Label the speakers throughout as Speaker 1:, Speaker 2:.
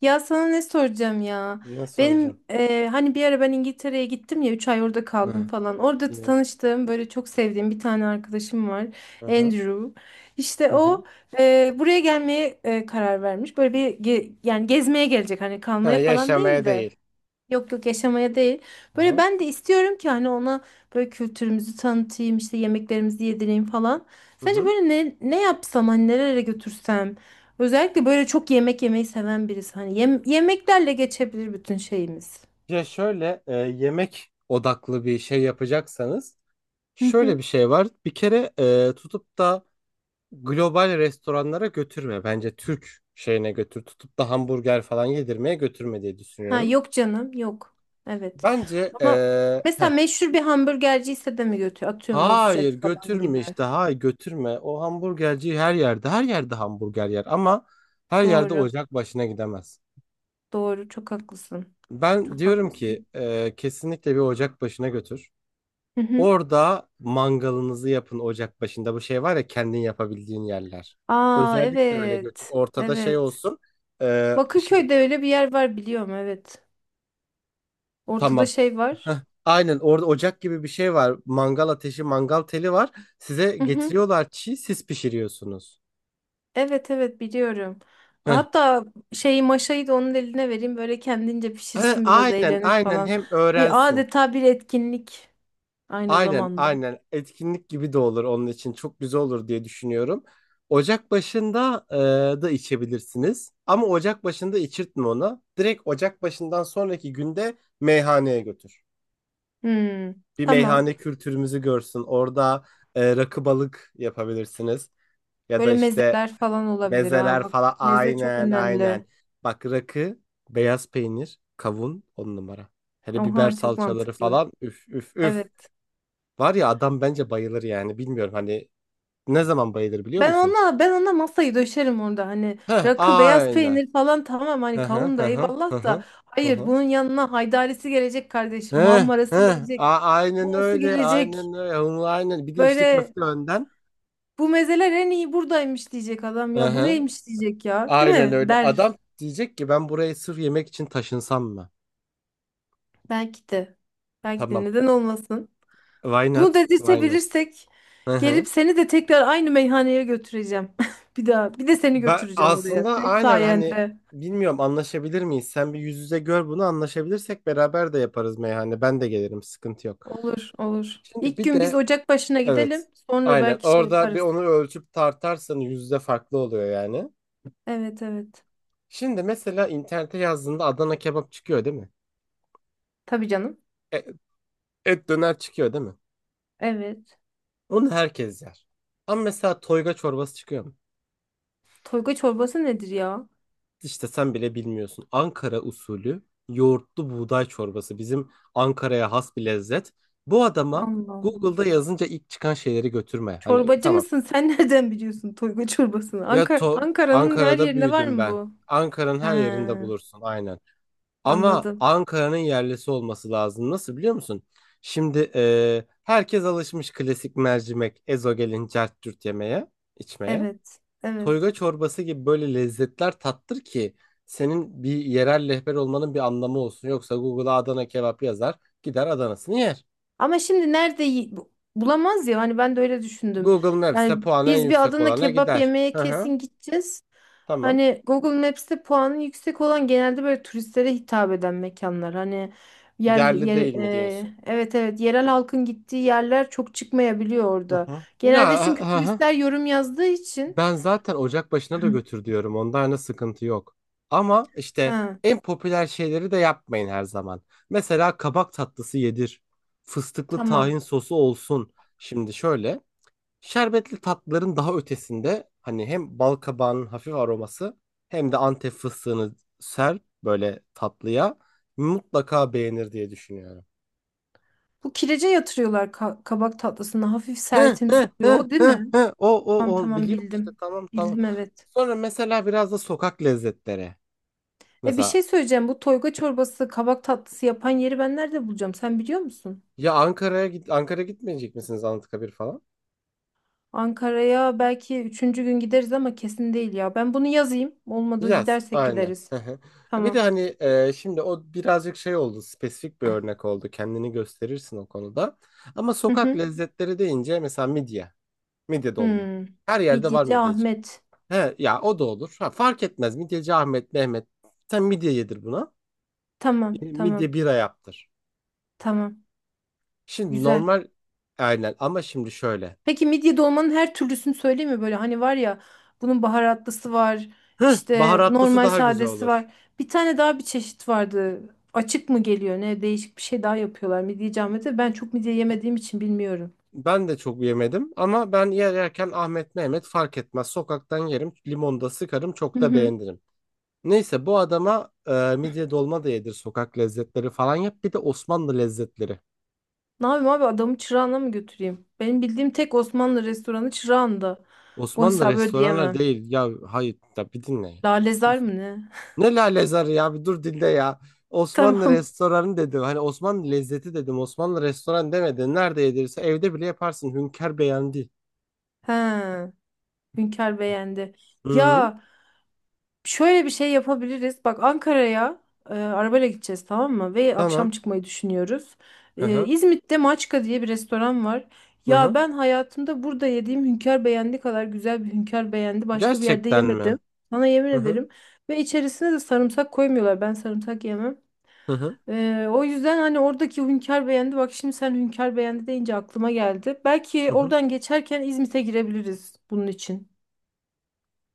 Speaker 1: Ya sana ne soracağım ya?
Speaker 2: Ne
Speaker 1: Benim
Speaker 2: soracağım?
Speaker 1: hani bir ara ben İngiltere'ye gittim ya 3 ay orada kaldım
Speaker 2: Hı.
Speaker 1: falan. Orada
Speaker 2: Yine.
Speaker 1: tanıştığım böyle çok sevdiğim bir tane arkadaşım var.
Speaker 2: Hı hı.
Speaker 1: Andrew. İşte
Speaker 2: Hı hı.
Speaker 1: o buraya gelmeye karar vermiş. Böyle yani gezmeye gelecek hani
Speaker 2: Ha,
Speaker 1: kalmaya falan
Speaker 2: yaşamaya
Speaker 1: değil de.
Speaker 2: değil.
Speaker 1: Yok yok yaşamaya değil.
Speaker 2: Hı
Speaker 1: Böyle
Speaker 2: hı.
Speaker 1: ben de istiyorum ki hani ona böyle kültürümüzü tanıtayım işte yemeklerimizi yedireyim falan.
Speaker 2: Hı
Speaker 1: Sence
Speaker 2: hı.
Speaker 1: böyle ne yapsam hani nerelere götürsem. Özellikle böyle çok yemek yemeyi seven birisi. Hani yemeklerle geçebilir bütün şeyimiz.
Speaker 2: Ya şöyle yemek odaklı bir şey yapacaksanız
Speaker 1: Hı
Speaker 2: şöyle
Speaker 1: hı.
Speaker 2: bir şey var. Bir kere tutup da global restoranlara götürme. Bence Türk şeyine götür. Tutup da hamburger falan yedirmeye götürme diye
Speaker 1: Ha
Speaker 2: düşünüyorum.
Speaker 1: yok canım yok. Evet.
Speaker 2: Bence
Speaker 1: Ama mesela
Speaker 2: heh.
Speaker 1: meşhur bir hamburgerci ise de mi götür? Atıyorum
Speaker 2: Hayır
Speaker 1: Nusret falan
Speaker 2: götürme
Speaker 1: gibi.
Speaker 2: işte. Hayır götürme. O hamburgerci her yerde hamburger yer ama her yerde
Speaker 1: Doğru.
Speaker 2: ocak başına gidemez.
Speaker 1: Doğru. Çok haklısın.
Speaker 2: Ben
Speaker 1: Çok
Speaker 2: diyorum ki
Speaker 1: haklısın.
Speaker 2: kesinlikle bir ocak başına götür.
Speaker 1: Hı hı.
Speaker 2: Orada mangalınızı yapın ocak başında. Bu şey var ya kendin yapabildiğin yerler.
Speaker 1: Aa
Speaker 2: Özellikle öyle götür.
Speaker 1: evet.
Speaker 2: Ortada şey
Speaker 1: Evet.
Speaker 2: olsun. Şey,
Speaker 1: Bakırköy'de öyle bir yer var biliyorum evet. Ortada
Speaker 2: tamam.
Speaker 1: şey var.
Speaker 2: Aynen orada ocak gibi bir şey var. Mangal ateşi, mangal teli var. Size
Speaker 1: Hı hı.
Speaker 2: getiriyorlar çiğ, siz pişiriyorsunuz.
Speaker 1: Evet evet biliyorum.
Speaker 2: Heh.
Speaker 1: Hatta şeyi maşayı da onun eline vereyim böyle kendince
Speaker 2: Ha,
Speaker 1: pişirsin biraz
Speaker 2: aynen
Speaker 1: eğlenir
Speaker 2: aynen
Speaker 1: falan.
Speaker 2: hem
Speaker 1: Bir
Speaker 2: öğrensin.
Speaker 1: adeta bir etkinlik aynı
Speaker 2: Aynen
Speaker 1: zamanda.
Speaker 2: aynen etkinlik gibi de olur onun için çok güzel olur diye düşünüyorum. Ocak başında da içebilirsiniz ama ocak başında içirtme onu. Direkt ocak başından sonraki günde meyhaneye götür.
Speaker 1: Hmm,
Speaker 2: Bir
Speaker 1: tamam.
Speaker 2: meyhane kültürümüzü görsün. Orada rakı balık yapabilirsiniz ya da
Speaker 1: Böyle
Speaker 2: işte
Speaker 1: mezeler falan olabilir ha
Speaker 2: mezeler
Speaker 1: bak.
Speaker 2: falan
Speaker 1: Meze çok
Speaker 2: aynen aynen.
Speaker 1: önemli.
Speaker 2: Bak rakı, beyaz peynir, kavun on numara. Hele biber
Speaker 1: Oha çok
Speaker 2: salçaları
Speaker 1: mantıklı.
Speaker 2: falan üf üf üf.
Speaker 1: Evet.
Speaker 2: Var ya adam bence bayılır yani. Bilmiyorum hani ne zaman bayılır biliyor
Speaker 1: Ben
Speaker 2: musun?
Speaker 1: ona ben ona masayı döşerim orada hani
Speaker 2: Heh
Speaker 1: rakı beyaz
Speaker 2: aynen.
Speaker 1: peynir falan tamam hani
Speaker 2: Hı hı
Speaker 1: kavun
Speaker 2: hı
Speaker 1: da
Speaker 2: hı hı
Speaker 1: eyvallah da
Speaker 2: hı. Hı
Speaker 1: hayır
Speaker 2: hı.
Speaker 1: bunun yanına haydarisi gelecek kardeşim
Speaker 2: Heh,
Speaker 1: muhammarası
Speaker 2: heh.
Speaker 1: gelecek
Speaker 2: Aynen
Speaker 1: humusu
Speaker 2: öyle.
Speaker 1: gelecek
Speaker 2: Aynen öyle. Onu aynen. Bir de içli
Speaker 1: böyle
Speaker 2: köfte önden.
Speaker 1: bu mezeler en iyi buradaymış diyecek adam
Speaker 2: Hı
Speaker 1: ya bu
Speaker 2: hı.
Speaker 1: neymiş diyecek ya değil
Speaker 2: Aynen
Speaker 1: mi
Speaker 2: öyle.
Speaker 1: der
Speaker 2: Adam diyecek ki ben buraya sırf yemek için taşınsam mı?
Speaker 1: belki de belki de
Speaker 2: Tamam.
Speaker 1: neden olmasın
Speaker 2: Why not?
Speaker 1: bunu
Speaker 2: Why not?
Speaker 1: dedirtebilirsek
Speaker 2: Hı hı.
Speaker 1: gelip seni de tekrar aynı meyhaneye götüreceğim bir daha bir de seni
Speaker 2: Ben
Speaker 1: götüreceğim oraya
Speaker 2: aslında
Speaker 1: senin
Speaker 2: aynen hani
Speaker 1: sayende.
Speaker 2: bilmiyorum anlaşabilir miyiz? Sen bir yüz yüze gör bunu anlaşabilirsek beraber de yaparız meyhane. Ben de gelirim sıkıntı yok.
Speaker 1: Olur, olur.
Speaker 2: Şimdi
Speaker 1: İlk
Speaker 2: bir
Speaker 1: gün biz
Speaker 2: de.
Speaker 1: ocak başına
Speaker 2: Evet.
Speaker 1: gidelim. Sonra
Speaker 2: Aynen.
Speaker 1: belki şey
Speaker 2: Orada bir
Speaker 1: yaparız.
Speaker 2: onu ölçüp tartarsan yüzde farklı oluyor yani.
Speaker 1: Evet, evet.
Speaker 2: Şimdi mesela internete yazdığında Adana kebap çıkıyor değil mi?
Speaker 1: Tabii canım.
Speaker 2: E- Et, döner çıkıyor değil mi?
Speaker 1: Evet.
Speaker 2: Onu herkes yer. Ama mesela toyga çorbası çıkıyor mu?
Speaker 1: Toyga çorbası nedir ya?
Speaker 2: İşte sen bile bilmiyorsun. Ankara usulü yoğurtlu buğday çorbası. Bizim Ankara'ya has bir lezzet. Bu adama
Speaker 1: Allah Allah.
Speaker 2: Google'da yazınca ilk çıkan şeyleri götürme. Hani
Speaker 1: Çorbacı
Speaker 2: tamam.
Speaker 1: mısın? Sen nereden biliyorsun toyga çorbasını?
Speaker 2: Ya
Speaker 1: Ankara,
Speaker 2: to
Speaker 1: Ankara'nın her
Speaker 2: Ankara'da
Speaker 1: yerinde var
Speaker 2: büyüdüm
Speaker 1: mı
Speaker 2: ben.
Speaker 1: bu?
Speaker 2: Ankara'nın
Speaker 1: He,
Speaker 2: her yerinde bulursun. Aynen. Ama
Speaker 1: anladım.
Speaker 2: Ankara'nın yerlisi olması lazım. Nasıl biliyor musun? Şimdi herkes alışmış klasik mercimek, ezogelin, cart yemeye, içmeye.
Speaker 1: Evet, evet.
Speaker 2: Toyga çorbası gibi böyle lezzetler tattır ki senin bir yerel rehber olmanın bir anlamı olsun. Yoksa Google'a Adana kebap yazar, gider Adana'sını yer.
Speaker 1: Ama şimdi nerede bulamaz ya hani ben de öyle düşündüm.
Speaker 2: Google
Speaker 1: Yani
Speaker 2: Maps'te puanı en
Speaker 1: biz bir
Speaker 2: yüksek
Speaker 1: Adana
Speaker 2: olana
Speaker 1: kebap
Speaker 2: gider.
Speaker 1: yemeye
Speaker 2: Hı hı,
Speaker 1: kesin gideceğiz.
Speaker 2: tamam.
Speaker 1: Hani Google Maps'te puanı yüksek olan genelde böyle turistlere hitap eden mekanlar. Hani
Speaker 2: Yerli değil mi diyorsun?
Speaker 1: evet evet yerel halkın gittiği yerler çok çıkmayabiliyor
Speaker 2: Hı
Speaker 1: orada.
Speaker 2: hı.
Speaker 1: Genelde
Speaker 2: Ya
Speaker 1: çünkü
Speaker 2: hı hı.
Speaker 1: turistler yorum yazdığı için.
Speaker 2: Ben zaten ocak başına da
Speaker 1: Hı.
Speaker 2: götür diyorum. Onda hani sıkıntı yok. Ama işte
Speaker 1: Ha,
Speaker 2: en popüler şeyleri de yapmayın her zaman. Mesela kabak tatlısı yedir. Fıstıklı
Speaker 1: tamam.
Speaker 2: tahin sosu olsun. Şimdi şöyle. Şerbetli tatlıların daha ötesinde hani hem bal kabağının hafif aroması hem de Antep fıstığını ser böyle tatlıya. Mutlaka beğenir diye düşünüyorum.
Speaker 1: Bu kirece yatırıyorlar kabak tatlısına. Hafif
Speaker 2: Hı
Speaker 1: sertimsi
Speaker 2: hı
Speaker 1: oluyor.
Speaker 2: hı
Speaker 1: O değil
Speaker 2: hı
Speaker 1: mi?
Speaker 2: hı. O
Speaker 1: Tamam
Speaker 2: o o
Speaker 1: tamam
Speaker 2: biliyorum işte
Speaker 1: bildim.
Speaker 2: tamam tamam.
Speaker 1: Bildim evet.
Speaker 2: Sonra mesela biraz da sokak lezzetleri.
Speaker 1: E bir
Speaker 2: Mesela
Speaker 1: şey söyleyeceğim. Bu toyga çorbası, kabak tatlısı yapan yeri ben nerede bulacağım? Sen biliyor musun?
Speaker 2: ya Ankara'ya gitmeyecek misiniz Anıtkabir falan?
Speaker 1: Ankara'ya belki üçüncü gün gideriz ama kesin değil ya. Ben bunu yazayım. Olmadı
Speaker 2: Yaz
Speaker 1: gidersek
Speaker 2: aynen.
Speaker 1: gideriz.
Speaker 2: Hı hı. Bir de
Speaker 1: Tamam.
Speaker 2: hani şimdi o birazcık şey oldu, spesifik bir örnek oldu kendini gösterirsin o konuda. Ama
Speaker 1: Hı
Speaker 2: sokak
Speaker 1: hı.
Speaker 2: lezzetleri deyince mesela midye dolma.
Speaker 1: Hmm.
Speaker 2: Her yerde var
Speaker 1: Midyeci
Speaker 2: midyeci.
Speaker 1: Ahmet.
Speaker 2: He, ya o da olur. Ha, fark etmez midyeci Ahmet, Mehmet. Sen midye yedir buna.
Speaker 1: Tamam,
Speaker 2: Midye
Speaker 1: tamam,
Speaker 2: bira yaptır.
Speaker 1: tamam.
Speaker 2: Şimdi
Speaker 1: Güzel.
Speaker 2: normal aynen ama şimdi şöyle.
Speaker 1: Peki midye dolmanın her türlüsünü söyleyeyim mi? Böyle hani var ya bunun baharatlısı var, işte
Speaker 2: Baharatlısı
Speaker 1: normal
Speaker 2: daha güzel
Speaker 1: sadesi
Speaker 2: olur.
Speaker 1: var. Bir tane daha bir çeşit vardı. Açık mı geliyor ne? Değişik bir şey daha yapıyorlar midye camide. Ben çok midye yemediğim için bilmiyorum.
Speaker 2: Ben de çok yemedim ama ben yerken Ahmet Mehmet fark etmez. Sokaktan yerim, limonda sıkarım,
Speaker 1: Hı
Speaker 2: çok da
Speaker 1: hı.
Speaker 2: beğenirim. Neyse bu adama midye dolma da yedir, sokak lezzetleri falan yap. Bir de Osmanlı lezzetleri.
Speaker 1: Ne yapayım abi adamı Çırağan'a mı götüreyim? Benim bildiğim tek Osmanlı restoranı Çırağan'da. O
Speaker 2: Osmanlı
Speaker 1: hesabı
Speaker 2: restoranlar
Speaker 1: ödeyemem.
Speaker 2: değil. Ya hayır da bir dinle ya.
Speaker 1: Lalezar
Speaker 2: Os-
Speaker 1: mı ne?
Speaker 2: Ne lalezarı ya, bir dur dinle ya. Osmanlı
Speaker 1: Tamam.
Speaker 2: restoranı dedim. Hani Osmanlı lezzeti dedim. Osmanlı restoran demedin. Nerede yedirse evde bile yaparsın. Hünkar beğendi.
Speaker 1: He. Hünkar beğendi.
Speaker 2: Hı hı.
Speaker 1: Ya Şöyle bir şey yapabiliriz. Bak Ankara'ya arabayla gideceğiz tamam mı? Ve
Speaker 2: Tamam.
Speaker 1: akşam çıkmayı düşünüyoruz.
Speaker 2: Hı hı.
Speaker 1: İzmit'te Maçka diye bir restoran var.
Speaker 2: Hı
Speaker 1: Ya
Speaker 2: hı.
Speaker 1: ben hayatımda burada yediğim hünkâr beğendi kadar güzel bir hünkâr beğendi. Başka bir yerde
Speaker 2: Gerçekten mi?
Speaker 1: yemedim. Sana yemin
Speaker 2: Hı hı.
Speaker 1: ederim. Ve içerisine de sarımsak koymuyorlar. Ben sarımsak yemem.
Speaker 2: Hı hı.
Speaker 1: O yüzden hani oradaki hünkâr beğendi. Bak şimdi sen hünkâr beğendi deyince aklıma geldi. Belki
Speaker 2: Hı hı.
Speaker 1: oradan geçerken İzmit'e girebiliriz bunun için.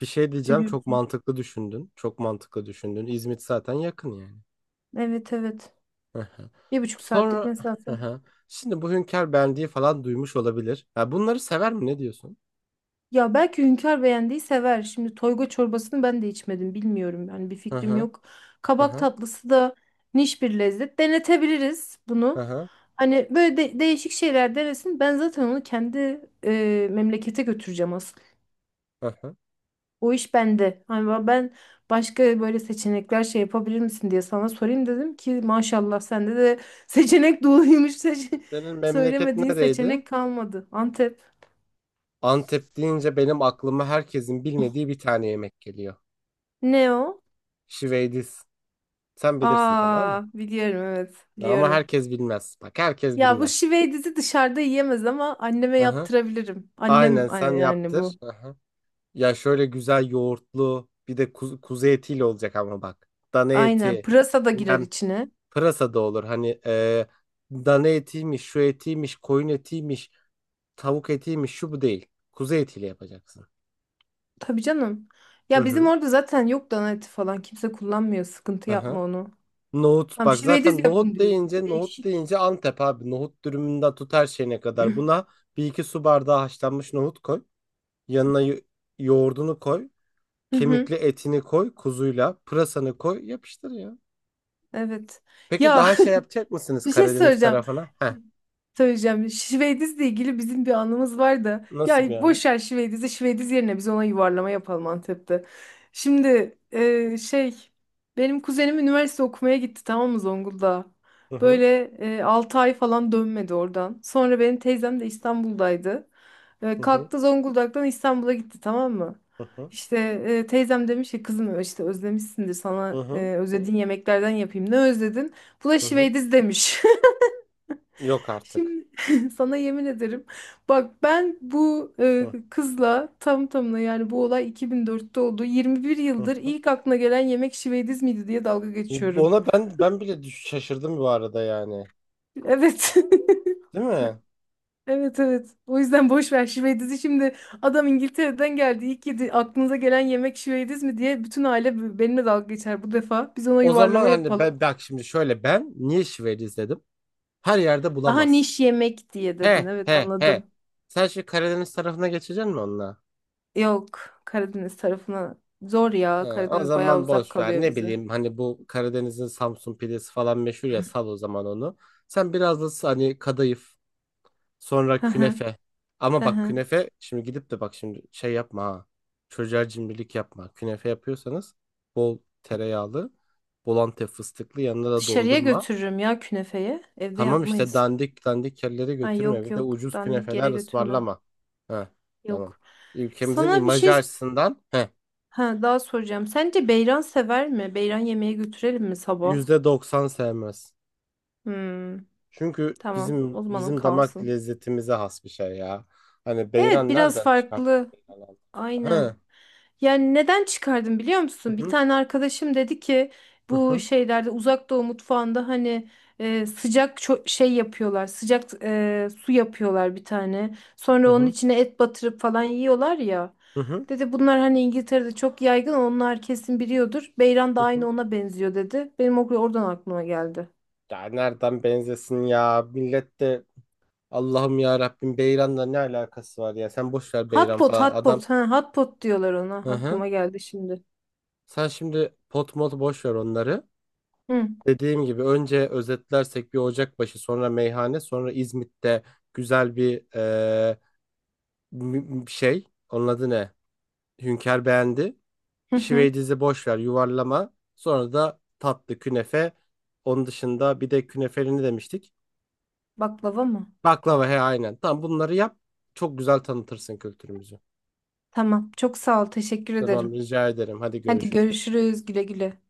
Speaker 2: Bir şey
Speaker 1: Ne
Speaker 2: diyeceğim. Çok
Speaker 1: diyorsun?
Speaker 2: mantıklı düşündün. Çok mantıklı düşündün. İzmit zaten yakın yani.
Speaker 1: Evet evet.
Speaker 2: Hı hı.
Speaker 1: Bir buçuk saatlik
Speaker 2: Sonra
Speaker 1: mesafe.
Speaker 2: hı hı. Şimdi bu Hünkar Bendi'yi falan duymuş olabilir. Ya bunları sever mi? Ne diyorsun?
Speaker 1: Ya belki Hünkar beğendiği sever. Şimdi toyga çorbasını ben de içmedim. Bilmiyorum yani bir
Speaker 2: Hı
Speaker 1: fikrim
Speaker 2: hı.
Speaker 1: yok.
Speaker 2: Hı
Speaker 1: Kabak
Speaker 2: hı.
Speaker 1: tatlısı da niş bir lezzet. Denetebiliriz
Speaker 2: Hı
Speaker 1: bunu.
Speaker 2: hı.
Speaker 1: Hani böyle değişik şeyler denesin. Ben zaten onu kendi memlekete götüreceğim asıl.
Speaker 2: Hı hı.
Speaker 1: O iş bende. Hani ben başka böyle seçenekler şey yapabilir misin diye sana sorayım dedim ki maşallah sende de seçenek doluymuş. Seçe-
Speaker 2: Senin memleket
Speaker 1: Söylemediğin
Speaker 2: nereydi?
Speaker 1: seçenek kalmadı. Antep.
Speaker 2: Antep deyince benim aklıma herkesin bilmediği bir tane yemek geliyor.
Speaker 1: Ne o?
Speaker 2: Şiveydiz. Sen bilirsin tabii ama
Speaker 1: Aa, biliyorum evet, biliyorum.
Speaker 2: Herkes bilmez. Bak herkes
Speaker 1: Ya bu
Speaker 2: bilmez.
Speaker 1: şiveydizi dışarıda yiyemez ama anneme
Speaker 2: Hı hı.
Speaker 1: yaptırabilirim.
Speaker 2: Aynen
Speaker 1: Annem
Speaker 2: sen
Speaker 1: yani
Speaker 2: yaptır.
Speaker 1: bu.
Speaker 2: Ya şöyle güzel yoğurtlu bir de kuzu etiyle olacak ama bak. Dana
Speaker 1: Aynen.
Speaker 2: eti
Speaker 1: Pırasa da girer
Speaker 2: bilmem,
Speaker 1: içine.
Speaker 2: pırasa da olur. Hani dana etiymiş, şu etiymiş, koyun etiymiş, tavuk etiymiş, şu bu değil. Kuzu etiyle yapacaksın.
Speaker 1: Tabii canım.
Speaker 2: Hı
Speaker 1: Ya bizim
Speaker 2: hı.
Speaker 1: orada zaten yok dana eti falan. Kimse kullanmıyor. Sıkıntı
Speaker 2: Aha.
Speaker 1: yapma onu.
Speaker 2: Nohut,
Speaker 1: Tamam
Speaker 2: bak
Speaker 1: şiveydiz
Speaker 2: zaten
Speaker 1: yapın diyorsun.
Speaker 2: nohut
Speaker 1: Değişik.
Speaker 2: deyince Antep abi. Nohut dürümünden tut her şeyine kadar. Buna bir iki su bardağı haşlanmış nohut koy. Yanına yoğurdunu koy.
Speaker 1: Hı hı.
Speaker 2: Kemikli etini koy kuzuyla. Pırasanı koy yapıştır ya.
Speaker 1: Evet.
Speaker 2: Peki
Speaker 1: Ya
Speaker 2: daha şey yapacak mısınız
Speaker 1: bir şey
Speaker 2: Karadeniz
Speaker 1: söyleyeceğim.
Speaker 2: tarafına? Heh.
Speaker 1: Söyleyeceğim. Şivediz'le ilgili bizim bir anımız var da.
Speaker 2: Nasıl bir
Speaker 1: Ya
Speaker 2: yani?
Speaker 1: boş ver Şivediz'i. Şivediz yerine biz ona yuvarlama yapalım Antep'te. Şimdi benim kuzenim üniversite okumaya gitti tamam mı Zonguldak'a?
Speaker 2: Hı hı
Speaker 1: Böyle 6 ay falan dönmedi oradan. Sonra benim teyzem de İstanbul'daydı.
Speaker 2: hı hı
Speaker 1: Kalktı Zonguldak'tan İstanbul'a gitti tamam mı?
Speaker 2: hı hı
Speaker 1: İşte teyzem demiş ki kızım işte özlemişsindir
Speaker 2: hı
Speaker 1: sana
Speaker 2: hı.
Speaker 1: özlediğin yemeklerden yapayım. Ne özledin? Bu da
Speaker 2: Hı hı.
Speaker 1: Şivediz demiş.
Speaker 2: Yok artık.
Speaker 1: Şimdi sana yemin ederim. Bak ben bu
Speaker 2: Hı
Speaker 1: kızla tam tamına yani bu olay 2004'te oldu. 21
Speaker 2: hı
Speaker 1: yıldır
Speaker 2: hı.
Speaker 1: ilk aklına gelen yemek şivediz miydi diye dalga geçiyorum.
Speaker 2: Ona ben bile şaşırdım bu arada yani.
Speaker 1: Evet.
Speaker 2: Değil mi?
Speaker 1: Evet evet. O yüzden boş ver şivedizi. Şimdi adam İngiltere'den geldi. İlk yedi aklınıza gelen yemek şivediz mi diye bütün aile benimle dalga geçer bu defa. Biz ona
Speaker 2: O zaman
Speaker 1: yuvarlama
Speaker 2: hani
Speaker 1: yapalım.
Speaker 2: ben bak şimdi şöyle, ben niye şiveli izledim? Her yerde
Speaker 1: Daha
Speaker 2: bulamaz.
Speaker 1: niş yemek diye dedin.
Speaker 2: He
Speaker 1: Evet
Speaker 2: he he.
Speaker 1: anladım.
Speaker 2: Sen şu Karadeniz tarafına geçeceksin mi onunla?
Speaker 1: Yok Karadeniz tarafına zor ya.
Speaker 2: O
Speaker 1: Karadeniz bayağı
Speaker 2: zaman
Speaker 1: uzak
Speaker 2: boş ver.
Speaker 1: kalıyor
Speaker 2: Ne
Speaker 1: bize.
Speaker 2: bileyim hani bu Karadeniz'in Samsun pidesi falan meşhur ya, sal o zaman onu. Sen biraz da hani kadayıf. Sonra
Speaker 1: Hı hı,
Speaker 2: künefe. Ama
Speaker 1: hı
Speaker 2: bak
Speaker 1: hı.
Speaker 2: künefe, şimdi gidip de bak şimdi şey yapma ha. Çocuğa cimrilik yapma. Künefe yapıyorsanız bol tereyağlı, bol antep fıstıklı, yanına da
Speaker 1: Dışarıya
Speaker 2: dondurma.
Speaker 1: götürürüm ya künefeye. Evde
Speaker 2: Tamam işte
Speaker 1: yapmayız.
Speaker 2: dandik dandik yerlere
Speaker 1: Ay
Speaker 2: götürme.
Speaker 1: yok
Speaker 2: Bir de
Speaker 1: yok.
Speaker 2: ucuz
Speaker 1: Dandik yere
Speaker 2: künefeler
Speaker 1: götürmem.
Speaker 2: ısmarlama. He tamam.
Speaker 1: Yok.
Speaker 2: Ülkemizin
Speaker 1: Sana bir
Speaker 2: imajı
Speaker 1: şey
Speaker 2: açısından he
Speaker 1: ha, daha soracağım. Sence beyran sever mi? Beyran yemeğe götürelim mi sabah?
Speaker 2: %90 sevmez.
Speaker 1: Hmm,
Speaker 2: Çünkü
Speaker 1: tamam. O zaman o
Speaker 2: bizim damak
Speaker 1: kalsın.
Speaker 2: lezzetimize has bir şey ya. Hani
Speaker 1: Evet
Speaker 2: beyran
Speaker 1: biraz
Speaker 2: nereden çıkarttın,
Speaker 1: farklı.
Speaker 2: beyran Allah aşkına?
Speaker 1: Aynen.
Speaker 2: He.
Speaker 1: Yani neden çıkardım biliyor
Speaker 2: Hı
Speaker 1: musun? Bir
Speaker 2: hı
Speaker 1: tane arkadaşım dedi ki
Speaker 2: hı
Speaker 1: bu
Speaker 2: hı.
Speaker 1: şeylerde Uzak Doğu mutfağında hani sıcak şey yapıyorlar. Sıcak su yapıyorlar bir tane.
Speaker 2: Hı
Speaker 1: Sonra onun
Speaker 2: hı.
Speaker 1: içine et batırıp falan yiyorlar ya.
Speaker 2: Hı hı.
Speaker 1: Dedi bunlar hani İngiltere'de çok yaygın onlar kesin biliyordur. Beyran da
Speaker 2: Hı
Speaker 1: aynı
Speaker 2: hı.
Speaker 1: ona benziyor dedi. Benim o oradan aklıma geldi.
Speaker 2: Ya nereden benzesin ya? Millet de Allah'ım ya Rabbim, Beyran'la ne alakası var ya? Sen boş ver
Speaker 1: Hot
Speaker 2: Beyran
Speaker 1: pot,
Speaker 2: falan
Speaker 1: hot
Speaker 2: adam.
Speaker 1: pot. Ha, hot pot diyorlar ona.
Speaker 2: Hı hı.
Speaker 1: Aklıma geldi şimdi.
Speaker 2: Sen şimdi pot mot boş ver onları.
Speaker 1: Hı
Speaker 2: Dediğim gibi önce özetlersek bir Ocakbaşı, sonra meyhane, sonra İzmit'te güzel bir şey. Onun adı ne? Hünkar beğendi.
Speaker 1: hı. Hı.
Speaker 2: Şiveydizi boş ver, yuvarlama. Sonra da tatlı künefe. Onun dışında bir de künefeli ne demiştik?
Speaker 1: Baklava mı?
Speaker 2: Baklava, he aynen. Tamam bunları yap. Çok güzel tanıtırsın kültürümüzü.
Speaker 1: Tamam. Çok sağ ol. Teşekkür
Speaker 2: Tamam
Speaker 1: ederim.
Speaker 2: rica ederim. Hadi
Speaker 1: Hadi
Speaker 2: görüşürüz.
Speaker 1: görüşürüz. Güle güle.